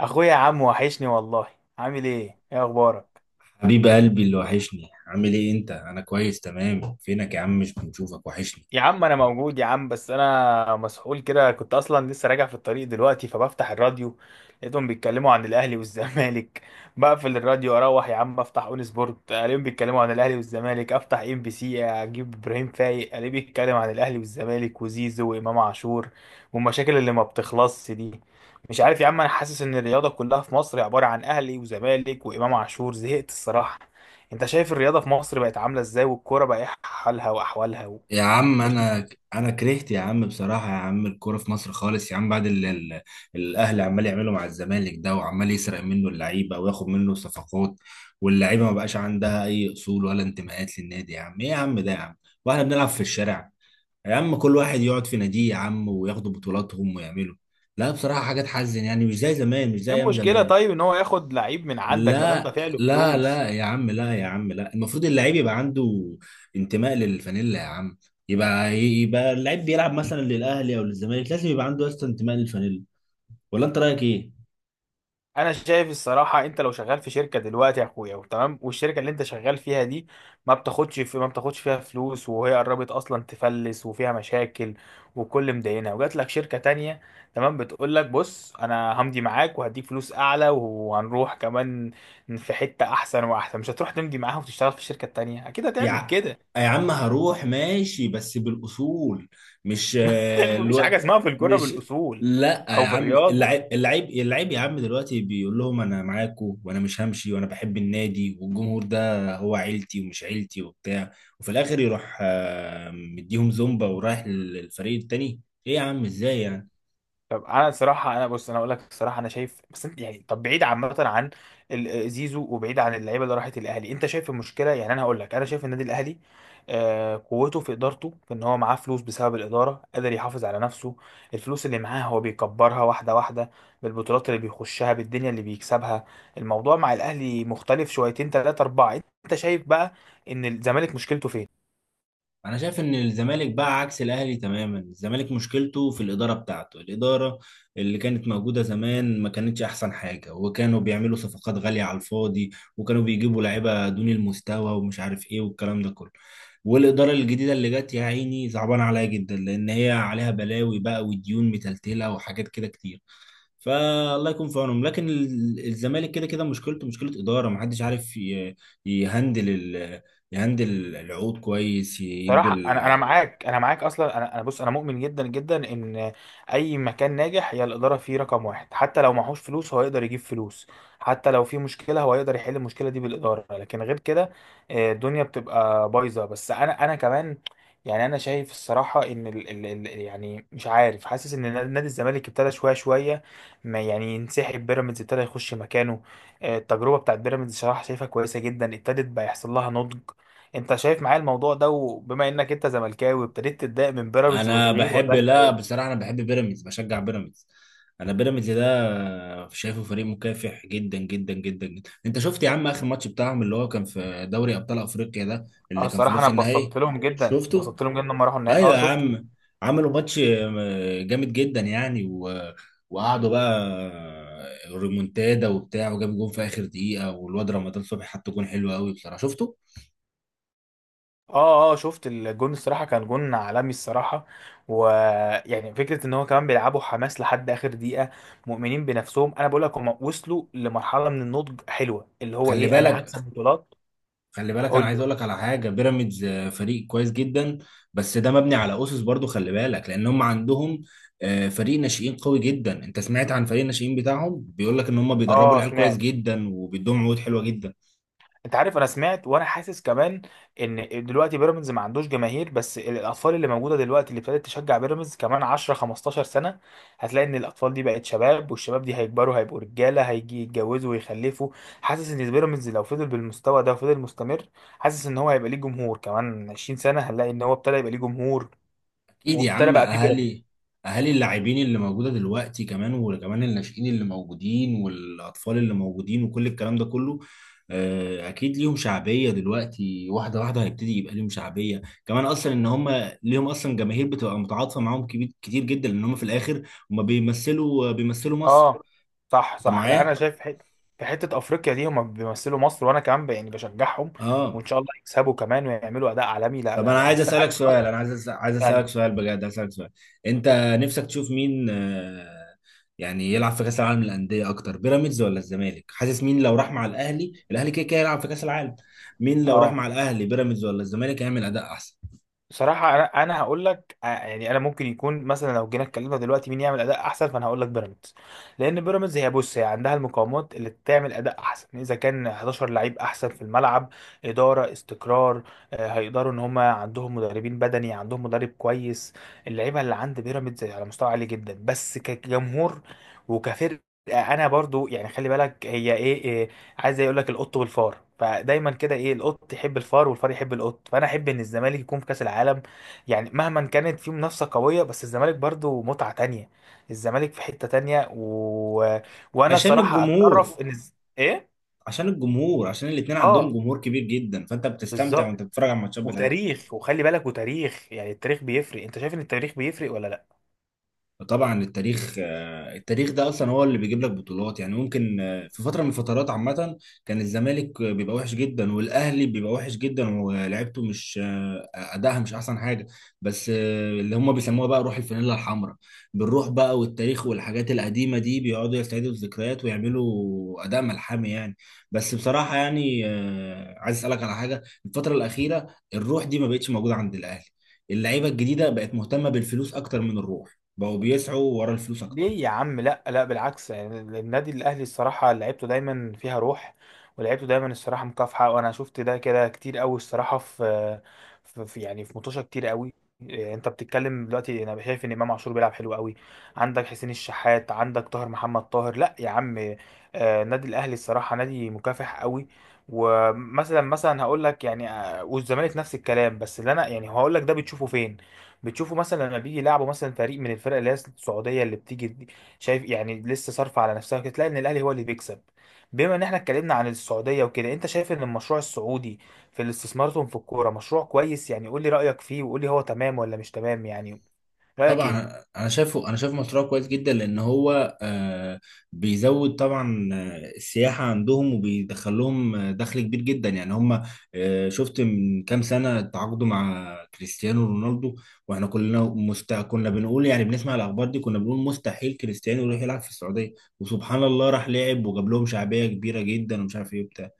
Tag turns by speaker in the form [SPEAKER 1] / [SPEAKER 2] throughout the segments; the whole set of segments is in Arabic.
[SPEAKER 1] اخويا يا عم وحشني والله. عامل ايه، ايه اخبارك؟
[SPEAKER 2] حبيب قلبي، اللي وحشني، عامل ايه انت؟ انا كويس، تمام. فينك يا عم؟ مش بنشوفك، وحشني
[SPEAKER 1] يا عم انا موجود يا عم، بس انا مسحول كده. كنت اصلا لسه راجع في الطريق دلوقتي فبفتح الراديو لقيتهم بيتكلموا عن الاهلي والزمالك بقفل الراديو اروح يا عم افتح اون سبورت الاقيهم بيتكلموا عن الاهلي والزمالك، افتح ام بي سي اجيب ابراهيم فايق الاقيه بيتكلم عن الاهلي والزمالك وزيزو وامام عاشور والمشاكل اللي ما بتخلصش دي. مش عارف يا عم، انا حاسس ان الرياضه كلها في مصر عباره عن اهلي وزمالك وامام عاشور. زهقت الصراحه. انت شايف الرياضه في مصر بقت عامله ازاي، والكوره بقى ايه حالها واحوالها؟
[SPEAKER 2] يا عم. انا كرهت يا عم، بصراحة يا عم الكورة في مصر خالص يا عم، بعد اللي الاهلي عمال يعملوا مع الزمالك ده، وعمال يسرق منه اللعيبة وياخد منه صفقات، واللعيبة ما بقاش عندها اي اصول ولا انتماءات للنادي. يا عم، ايه يا عم ده يا عم، واحنا بنلعب في الشارع. يا عم كل واحد يقعد في ناديه يا عم وياخدوا بطولاتهم ويعملوا. لا بصراحة حاجة تحزن يعني، مش زي زمان، مش زي
[SPEAKER 1] ايه
[SPEAKER 2] ايام
[SPEAKER 1] المشكله
[SPEAKER 2] زمان.
[SPEAKER 1] طيب ان هو ياخد لعيب من عندك ما دام
[SPEAKER 2] لا
[SPEAKER 1] دافع له
[SPEAKER 2] لا
[SPEAKER 1] فلوس؟
[SPEAKER 2] لا يا عم، لا يا عم، لا. المفروض اللعيب يبقى عنده انتماء للفانيلا يا عم. يبقى اللعيب بيلعب مثلا للاهلي او للزمالك، لازم يبقى عنده اصلا انتماء للفانيلا. ولا انت رايك ايه؟
[SPEAKER 1] انا شايف الصراحه، انت لو شغال في شركه دلوقتي يا اخويا وتمام، والشركه اللي انت شغال فيها دي ما بتاخدش فيها فلوس، وهي قربت اصلا تفلس وفيها مشاكل، وكل مدينه وجات لك شركه تانية تمام، بتقول لك بص انا همضي معاك وهديك فلوس اعلى وهنروح كمان في حته احسن واحسن، مش هتروح تمضي معاها وتشتغل في الشركه التانية؟ اكيد
[SPEAKER 2] يا
[SPEAKER 1] هتعمل
[SPEAKER 2] ع-
[SPEAKER 1] كده.
[SPEAKER 2] يا عم هروح ماشي بس بالأصول، مش آه،
[SPEAKER 1] مفيش
[SPEAKER 2] الو...
[SPEAKER 1] حاجه اسمها في الكوره
[SPEAKER 2] مش
[SPEAKER 1] بالاصول
[SPEAKER 2] لا يا
[SPEAKER 1] او في
[SPEAKER 2] عم،
[SPEAKER 1] الرياضه.
[SPEAKER 2] اللعيب يا عم دلوقتي بيقول لهم انا معاكم وانا مش همشي وانا بحب النادي والجمهور ده هو عيلتي، ومش عيلتي وبتاع، وفي الاخر يروح مديهم زومبا ورايح للفريق التاني. ايه يا عم، ازاي يعني؟
[SPEAKER 1] طب انا صراحه انا بص انا اقول لك الصراحه انا شايف، بس انت يعني طب بعيد عامه عن زيزو وبعيد عن اللعيبه اللي راحت الاهلي، انت شايف المشكله؟ يعني انا هقول لك، انا شايف النادي الاهلي آه قوته في ادارته، في ان هو معاه فلوس. بسبب الاداره قادر يحافظ على نفسه. الفلوس اللي معاه هو بيكبرها واحده واحده بالبطولات اللي بيخشها، بالدنيا اللي بيكسبها. الموضوع مع الاهلي مختلف شويتين ثلاثه اربعه. انت شايف بقى ان الزمالك مشكلته فين؟
[SPEAKER 2] انا شايف ان الزمالك بقى عكس الاهلي تماما. الزمالك مشكلته في الاداره بتاعته. الاداره اللي كانت موجوده زمان ما كانتش احسن حاجه، وكانوا بيعملوا صفقات غاليه على الفاضي، وكانوا بيجيبوا لعيبه دون المستوى ومش عارف ايه والكلام ده كله. والاداره الجديده اللي جت يا عيني صعبان عليها جدا، لان هي عليها بلاوي بقى وديون متلتله وحاجات كده كتير. فالله يكون في عونهم. لكن الزمالك كده كده مشكلته مشكله اداره، محدش عارف يهندل، يهندل العقود كويس، يدوا
[SPEAKER 1] صراحة أنا معاك، أنا معاك أصلا. أنا بص أنا مؤمن جدا جدا إن أي مكان ناجح هي الإدارة فيه رقم واحد. حتى لو معهوش فلوس هو يقدر يجيب فلوس، حتى لو في مشكلة هو يقدر يحل المشكلة دي بالإدارة. لكن غير كده الدنيا بتبقى بايظة. بس أنا كمان يعني أنا شايف الصراحة إن ال يعني مش عارف، حاسس إن نادي الزمالك ابتدى شوية شوية ما يعني ينسحب، بيراميدز ابتدى يخش مكانه. التجربة بتاعت بيراميدز صراحة شايفها كويسة جدا، ابتدت بقى يحصل لها نضج. انت شايف معايا الموضوع ده، وبما انك انت زملكاوي ابتديت تتضايق من بيراميدز
[SPEAKER 2] انا
[SPEAKER 1] وتغيير،
[SPEAKER 2] بحب
[SPEAKER 1] ولا انت
[SPEAKER 2] لا
[SPEAKER 1] ايه؟
[SPEAKER 2] بصراحه انا بحب بيراميدز، بشجع بيراميدز. انا بيراميدز ده شايفه فريق مكافح جدا جدا جدا جدا. انت شفت يا عم اخر ماتش بتاعهم اللي هو كان في دوري ابطال افريقيا ده،
[SPEAKER 1] اه
[SPEAKER 2] اللي كان في
[SPEAKER 1] الصراحه انا
[SPEAKER 2] نص النهائي؟
[SPEAKER 1] اتبسطت لهم جدا،
[SPEAKER 2] شفته.
[SPEAKER 1] اتبسطت لهم جدا لما راحوا النهائي.
[SPEAKER 2] ايوه
[SPEAKER 1] اه
[SPEAKER 2] يا
[SPEAKER 1] شفته.
[SPEAKER 2] عم، عملوا ماتش جامد جدا يعني، وقعدوا بقى ريمونتادا وبتاع، وجاب جون في اخر دقيقه، والواد رمضان صبحي حط جون حلو قوي بصراحه. شفته.
[SPEAKER 1] اه اه شفت الجون، الصراحه كان جون عالمي الصراحه. ويعني فكره ان هو كمان بيلعبوا حماس لحد اخر دقيقه، مؤمنين بنفسهم. انا بقول لك هم وصلوا لمرحله من النضج حلوه، اللي هو
[SPEAKER 2] خلي
[SPEAKER 1] ايه، انا
[SPEAKER 2] بالك،
[SPEAKER 1] هكسب بطولات.
[SPEAKER 2] خلي بالك، انا
[SPEAKER 1] قول
[SPEAKER 2] عايز
[SPEAKER 1] لي.
[SPEAKER 2] اقول لك على حاجه. بيراميدز فريق كويس جدا، بس ده مبني على اسس برضو، خلي بالك، لان هم عندهم فريق ناشئين قوي جدا. انت سمعت عن فريق الناشئين بتاعهم؟ بيقول لك ان هم بيدربوا
[SPEAKER 1] اه
[SPEAKER 2] العيال كويس
[SPEAKER 1] سمعت.
[SPEAKER 2] جدا وبيدوهم عقود حلوه جدا.
[SPEAKER 1] انت عارف انا سمعت وانا حاسس كمان ان دلوقتي بيراميدز ما عندوش جماهير، بس الاطفال اللي موجوده دلوقتي اللي ابتدت تشجع بيراميدز، كمان 10 15 سنه هتلاقي ان الاطفال دي بقت شباب، والشباب دي هيكبروا هيبقوا رجاله هيجي يتجوزوا ويخلفوا. حاسس ان بيراميدز لو فضل بالمستوى ده وفضل مستمر، حاسس ان هو هيبقى ليه جمهور. كمان 20 سنه هنلاقي ان هو ابتدى يبقى ليه جمهور،
[SPEAKER 2] اكيد يا
[SPEAKER 1] وابتدى
[SPEAKER 2] عم.
[SPEAKER 1] بقى فيه بيراميدز.
[SPEAKER 2] اهالي اللاعبين اللي موجوده دلوقتي، كمان وكمان الناشئين اللي موجودين والاطفال اللي موجودين وكل الكلام ده كله، اكيد ليهم شعبيه دلوقتي، واحده واحده هيبتدي يبقى ليهم شعبيه. كمان اصلا ان هم ليهم اصلا جماهير بتبقى متعاطفه معاهم كبير كتير جدا، لان هم في الاخر هم بيمثلوا مصر.
[SPEAKER 1] اه صح
[SPEAKER 2] انت
[SPEAKER 1] صح. لا انا
[SPEAKER 2] معايا؟
[SPEAKER 1] شايف في حته افريقيا دي هم بيمثلوا مصر، وانا كمان يعني بشجعهم وان
[SPEAKER 2] اه.
[SPEAKER 1] شاء الله يكسبوا كمان ويعملوا اداء عالمي. لا
[SPEAKER 2] طب
[SPEAKER 1] لا
[SPEAKER 2] انا
[SPEAKER 1] لا
[SPEAKER 2] عايز
[SPEAKER 1] بس
[SPEAKER 2] اسالك
[SPEAKER 1] عادي، أصلاً.
[SPEAKER 2] سؤال، انا عايز اسالك
[SPEAKER 1] يعني
[SPEAKER 2] سؤال بجد، عايز اسالك سؤال. انت نفسك تشوف مين يعني يلعب في كاس العالم للانديه اكتر، بيراميدز ولا الزمالك؟ حاسس مين لو راح مع الاهلي؟ الاهلي كده كده يلعب في كاس العالم. مين لو راح
[SPEAKER 1] اه
[SPEAKER 2] مع الاهلي، بيراميدز ولا الزمالك، هيعمل اداء احسن؟
[SPEAKER 1] بصراحة أنا هقول لك يعني أنا ممكن يكون مثلا لو جينا اتكلمنا دلوقتي مين يعمل أداء أحسن، فأنا هقول لك بيراميدز. لأن بيراميدز هي بص هي عندها المقومات اللي تعمل أداء أحسن، إذا كان 11 لعيب أحسن في الملعب، إدارة، استقرار. هيقدروا، إن هما عندهم مدربين بدني، عندهم مدرب كويس. اللعيبة اللي عند بيراميدز على مستوى عالي جدا، بس كجمهور وكفرقة أنا برضو يعني خلي بالك هي إيه عايز يقول لك القط والفار. فدايما كده ايه، القط يحب الفار والفار يحب القط، فانا احب ان الزمالك يكون في كاس العالم. يعني مهما كانت في منافسه قويه، بس الزمالك برضو متعه تانية، الزمالك في حته تانية. و... وانا
[SPEAKER 2] عشان
[SPEAKER 1] الصراحه
[SPEAKER 2] الجمهور،
[SPEAKER 1] اتشرف ان ايه.
[SPEAKER 2] عشان الجمهور، عشان الاتنين عندهم
[SPEAKER 1] اه
[SPEAKER 2] جمهور كبير جدا، فانت بتستمتع
[SPEAKER 1] بالظبط،
[SPEAKER 2] وانت بتتفرج على الماتشات بتاعتهم.
[SPEAKER 1] وتاريخ، وخلي بالك وتاريخ. يعني التاريخ بيفرق، انت شايف ان التاريخ بيفرق ولا لا؟
[SPEAKER 2] طبعا التاريخ، التاريخ ده اصلا هو اللي بيجيب لك بطولات يعني. ممكن في فتره من الفترات عامه، كان الزمالك بيبقى وحش جدا، والاهلي بيبقى وحش جدا، ولعبته مش ادائها مش احسن حاجه، بس اللي هم بيسموها بقى روح الفانيلا الحمراء، بالروح بقى والتاريخ والحاجات القديمه دي، بيقعدوا يستعيدوا الذكريات ويعملوا اداء ملحمي يعني. بس بصراحه يعني، عايز اسالك على حاجه. الفتره الاخيره الروح دي ما بقتش موجوده عند الاهلي. اللعيبه الجديده بقت مهتمه بالفلوس اكتر من الروح، بقوا بيسعوا ورا الفلوس اكتر.
[SPEAKER 1] ليه يا عم؟ لا لا بالعكس، يعني النادي الاهلي الصراحه لعيبته دايما فيها روح، ولعيبته دايما الصراحه مكافحه، وانا شفت ده كده كتير قوي الصراحه. يعني في مطوشه كتير قوي. انت بتتكلم دلوقتي، انا شايف ان امام عاشور بيلعب حلو قوي، عندك حسين الشحات، عندك طاهر محمد طاهر. لا يا عم، النادي الاهلي الصراحه نادي مكافح قوي. ومثلا هقول لك يعني، والزمالك نفس الكلام. بس اللي انا يعني هقول لك ده بتشوفه فين؟ بتشوفه مثلا لما بيجي يلعبوا مثلا فريق من الفرق اللي هي السعوديه اللي بتيجي دي، شايف يعني لسه صارفه على نفسها كده، تلاقي ان الاهلي هو اللي بيكسب. بما ان احنا اتكلمنا عن السعوديه وكده، انت شايف ان المشروع السعودي في الاستثماراتهم في الكوره مشروع كويس؟ يعني قول لي رايك فيه، وقول لي هو تمام ولا مش تمام يعني. رايك ايه؟
[SPEAKER 2] طبعا انا شايفه، انا شايف مشروع كويس جدا، لان هو بيزود طبعا السياحه عندهم، وبيدخل لهم دخل كبير جدا يعني. هم شفت من كام سنه تعاقدوا مع كريستيانو رونالدو، واحنا كلنا كنا بنقول يعني، بنسمع الاخبار دي كنا بنقول مستحيل كريستيانو يروح يلعب في السعوديه، وسبحان الله راح لعب وجاب لهم شعبيه كبيره جدا ومش عارف ايه وبتاع.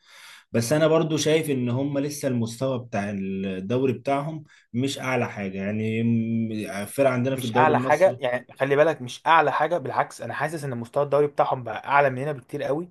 [SPEAKER 2] بس انا برضو شايف ان هم لسه المستوى بتاع الدوري بتاعهم مش اعلى حاجه يعني، الفرق عندنا في
[SPEAKER 1] مش
[SPEAKER 2] الدوري
[SPEAKER 1] اعلى حاجه
[SPEAKER 2] المصري.
[SPEAKER 1] يعني، خلي بالك مش اعلى حاجه. بالعكس انا حاسس ان مستوى الدوري بتاعهم بقى اعلى مننا بكتير قوي،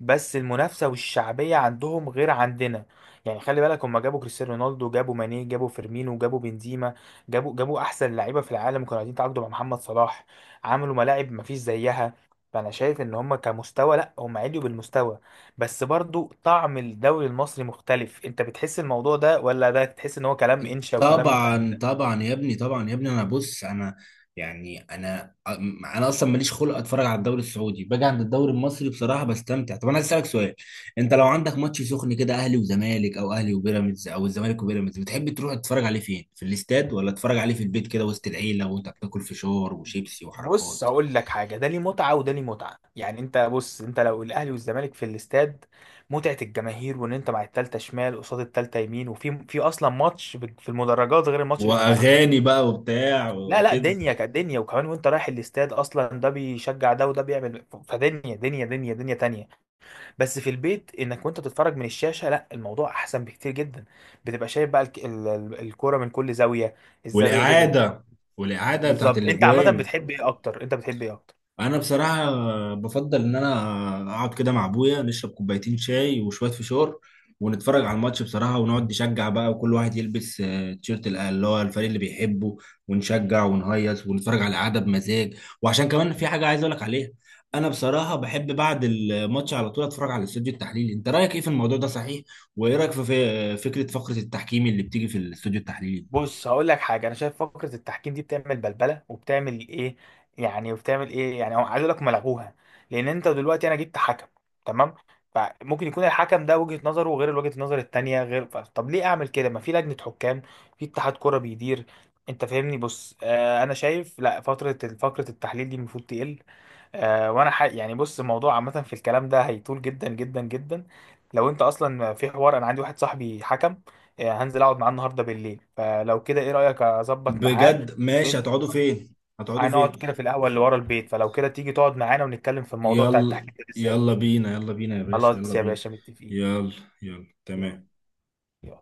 [SPEAKER 1] بس المنافسه والشعبيه عندهم غير عندنا. يعني خلي بالك هم جابوا كريستيانو رونالدو، جابوا ماني، جابوا فيرمينو، جابوا بنزيما، جابوا احسن لعيبه في العالم، كانوا قاعدين يتعاقدوا مع محمد صلاح، عملوا ملاعب مفيش زيها. فانا شايف ان هم كمستوى لا هم عليوا بالمستوى، بس برضو طعم الدوري المصري مختلف. انت بتحس الموضوع ده، ولا ده تحس ان هو كلام انشا وكلام؟
[SPEAKER 2] طبعا طبعا يا ابني، طبعا يا ابني. انا بص، انا يعني، انا اصلا ماليش خلق اتفرج على الدوري السعودي، باجي عند الدوري المصري بصراحه بستمتع. طب انا عايز اسالك سؤال. انت لو عندك ماتش سخن كده، اهلي وزمالك او اهلي وبيراميدز او الزمالك وبيراميدز، بتحب تروح تتفرج عليه فين؟ في الاستاد، ولا تتفرج عليه في البيت كده وسط العيله وانت بتاكل فشار وشيبسي
[SPEAKER 1] بص
[SPEAKER 2] وحركات
[SPEAKER 1] هقول لك حاجه، ده ليه متعه وده ليه متعه. يعني انت بص انت لو الاهلي والزمالك في الاستاد، متعه الجماهير، وان انت مع التالتة شمال قصاد التالتة يمين، وفي اصلا ماتش في المدرجات غير الماتش اللي في الملعب.
[SPEAKER 2] واغاني بقى وبتاع
[SPEAKER 1] لا لا،
[SPEAKER 2] وكده،
[SPEAKER 1] دنيا كدنيا، وكمان وانت رايح الاستاد اصلا ده بيشجع ده وده بيعمل، فدنيا دنيا دنيا دنيا تانية. بس في البيت انك وانت بتتفرج من الشاشه، لا الموضوع احسن بكتير جدا، بتبقى شايف بقى الكوره من كل زاويه. الزاويه دي غير الزاوية.
[SPEAKER 2] والاعاده والاعاده بتاعت
[SPEAKER 1] بالظبط. انت عامه
[SPEAKER 2] الاجوان؟
[SPEAKER 1] بتحب ايه اكتر؟ انت بتحب ايه اكتر؟
[SPEAKER 2] انا بصراحه بفضل ان انا اقعد كده مع ابويا، نشرب كوبايتين شاي وشويه فشار، ونتفرج على الماتش بصراحه، ونقعد نشجع بقى، وكل واحد يلبس تيشيرت اللي هو الفريق اللي بيحبه، ونشجع ونهيص ونتفرج على القعده بمزاج. وعشان كمان في حاجه عايز اقول لك عليها، انا بصراحه بحب بعد الماتش على طول اتفرج على الاستوديو التحليلي. انت رايك ايه في الموضوع ده؟ صحيح، وايه رايك في فكره فقره التحكيم اللي بتيجي في الاستوديو التحليلي؟
[SPEAKER 1] بص هقول لك حاجه، انا شايف فكره التحكيم دي بتعمل بلبله وبتعمل ايه يعني، وبتعمل ايه يعني. هو عايز اقول لك ملغوها، لان انت دلوقتي انا جبت حكم تمام، فممكن يكون الحكم ده وجهه نظره غير وجهه النظر التانيه غير، طب ليه اعمل كده؟ ما في لجنه حكام في اتحاد كوره بيدير. انت فاهمني؟ بص آه انا شايف لا فتره، فقره التحليل دي المفروض تقل. وانا يعني بص الموضوع عامه، في الكلام ده هيطول جدا جدا جدا لو انت اصلا في حوار. انا عندي واحد صاحبي حكم، هنزل اقعد معاه النهارده بالليل. فلو كده ايه رايك اظبط معاه؟
[SPEAKER 2] بجد؟ ماشي،
[SPEAKER 1] بن-
[SPEAKER 2] هتقعدوا فين؟ هتقعدوا
[SPEAKER 1] هنقعد كده
[SPEAKER 2] فين؟
[SPEAKER 1] في القهوه اللي ورا البيت، فلو كده تيجي تقعد معانا ونتكلم في الموضوع بتاع
[SPEAKER 2] يلا
[SPEAKER 1] التحكيم ده
[SPEAKER 2] يلا
[SPEAKER 1] بالذات.
[SPEAKER 2] بينا، يلا بينا يا باشا، يلا
[SPEAKER 1] خلاص يا
[SPEAKER 2] بينا.
[SPEAKER 1] باشا متفقين.
[SPEAKER 2] يلا، يلا تمام.
[SPEAKER 1] يلا.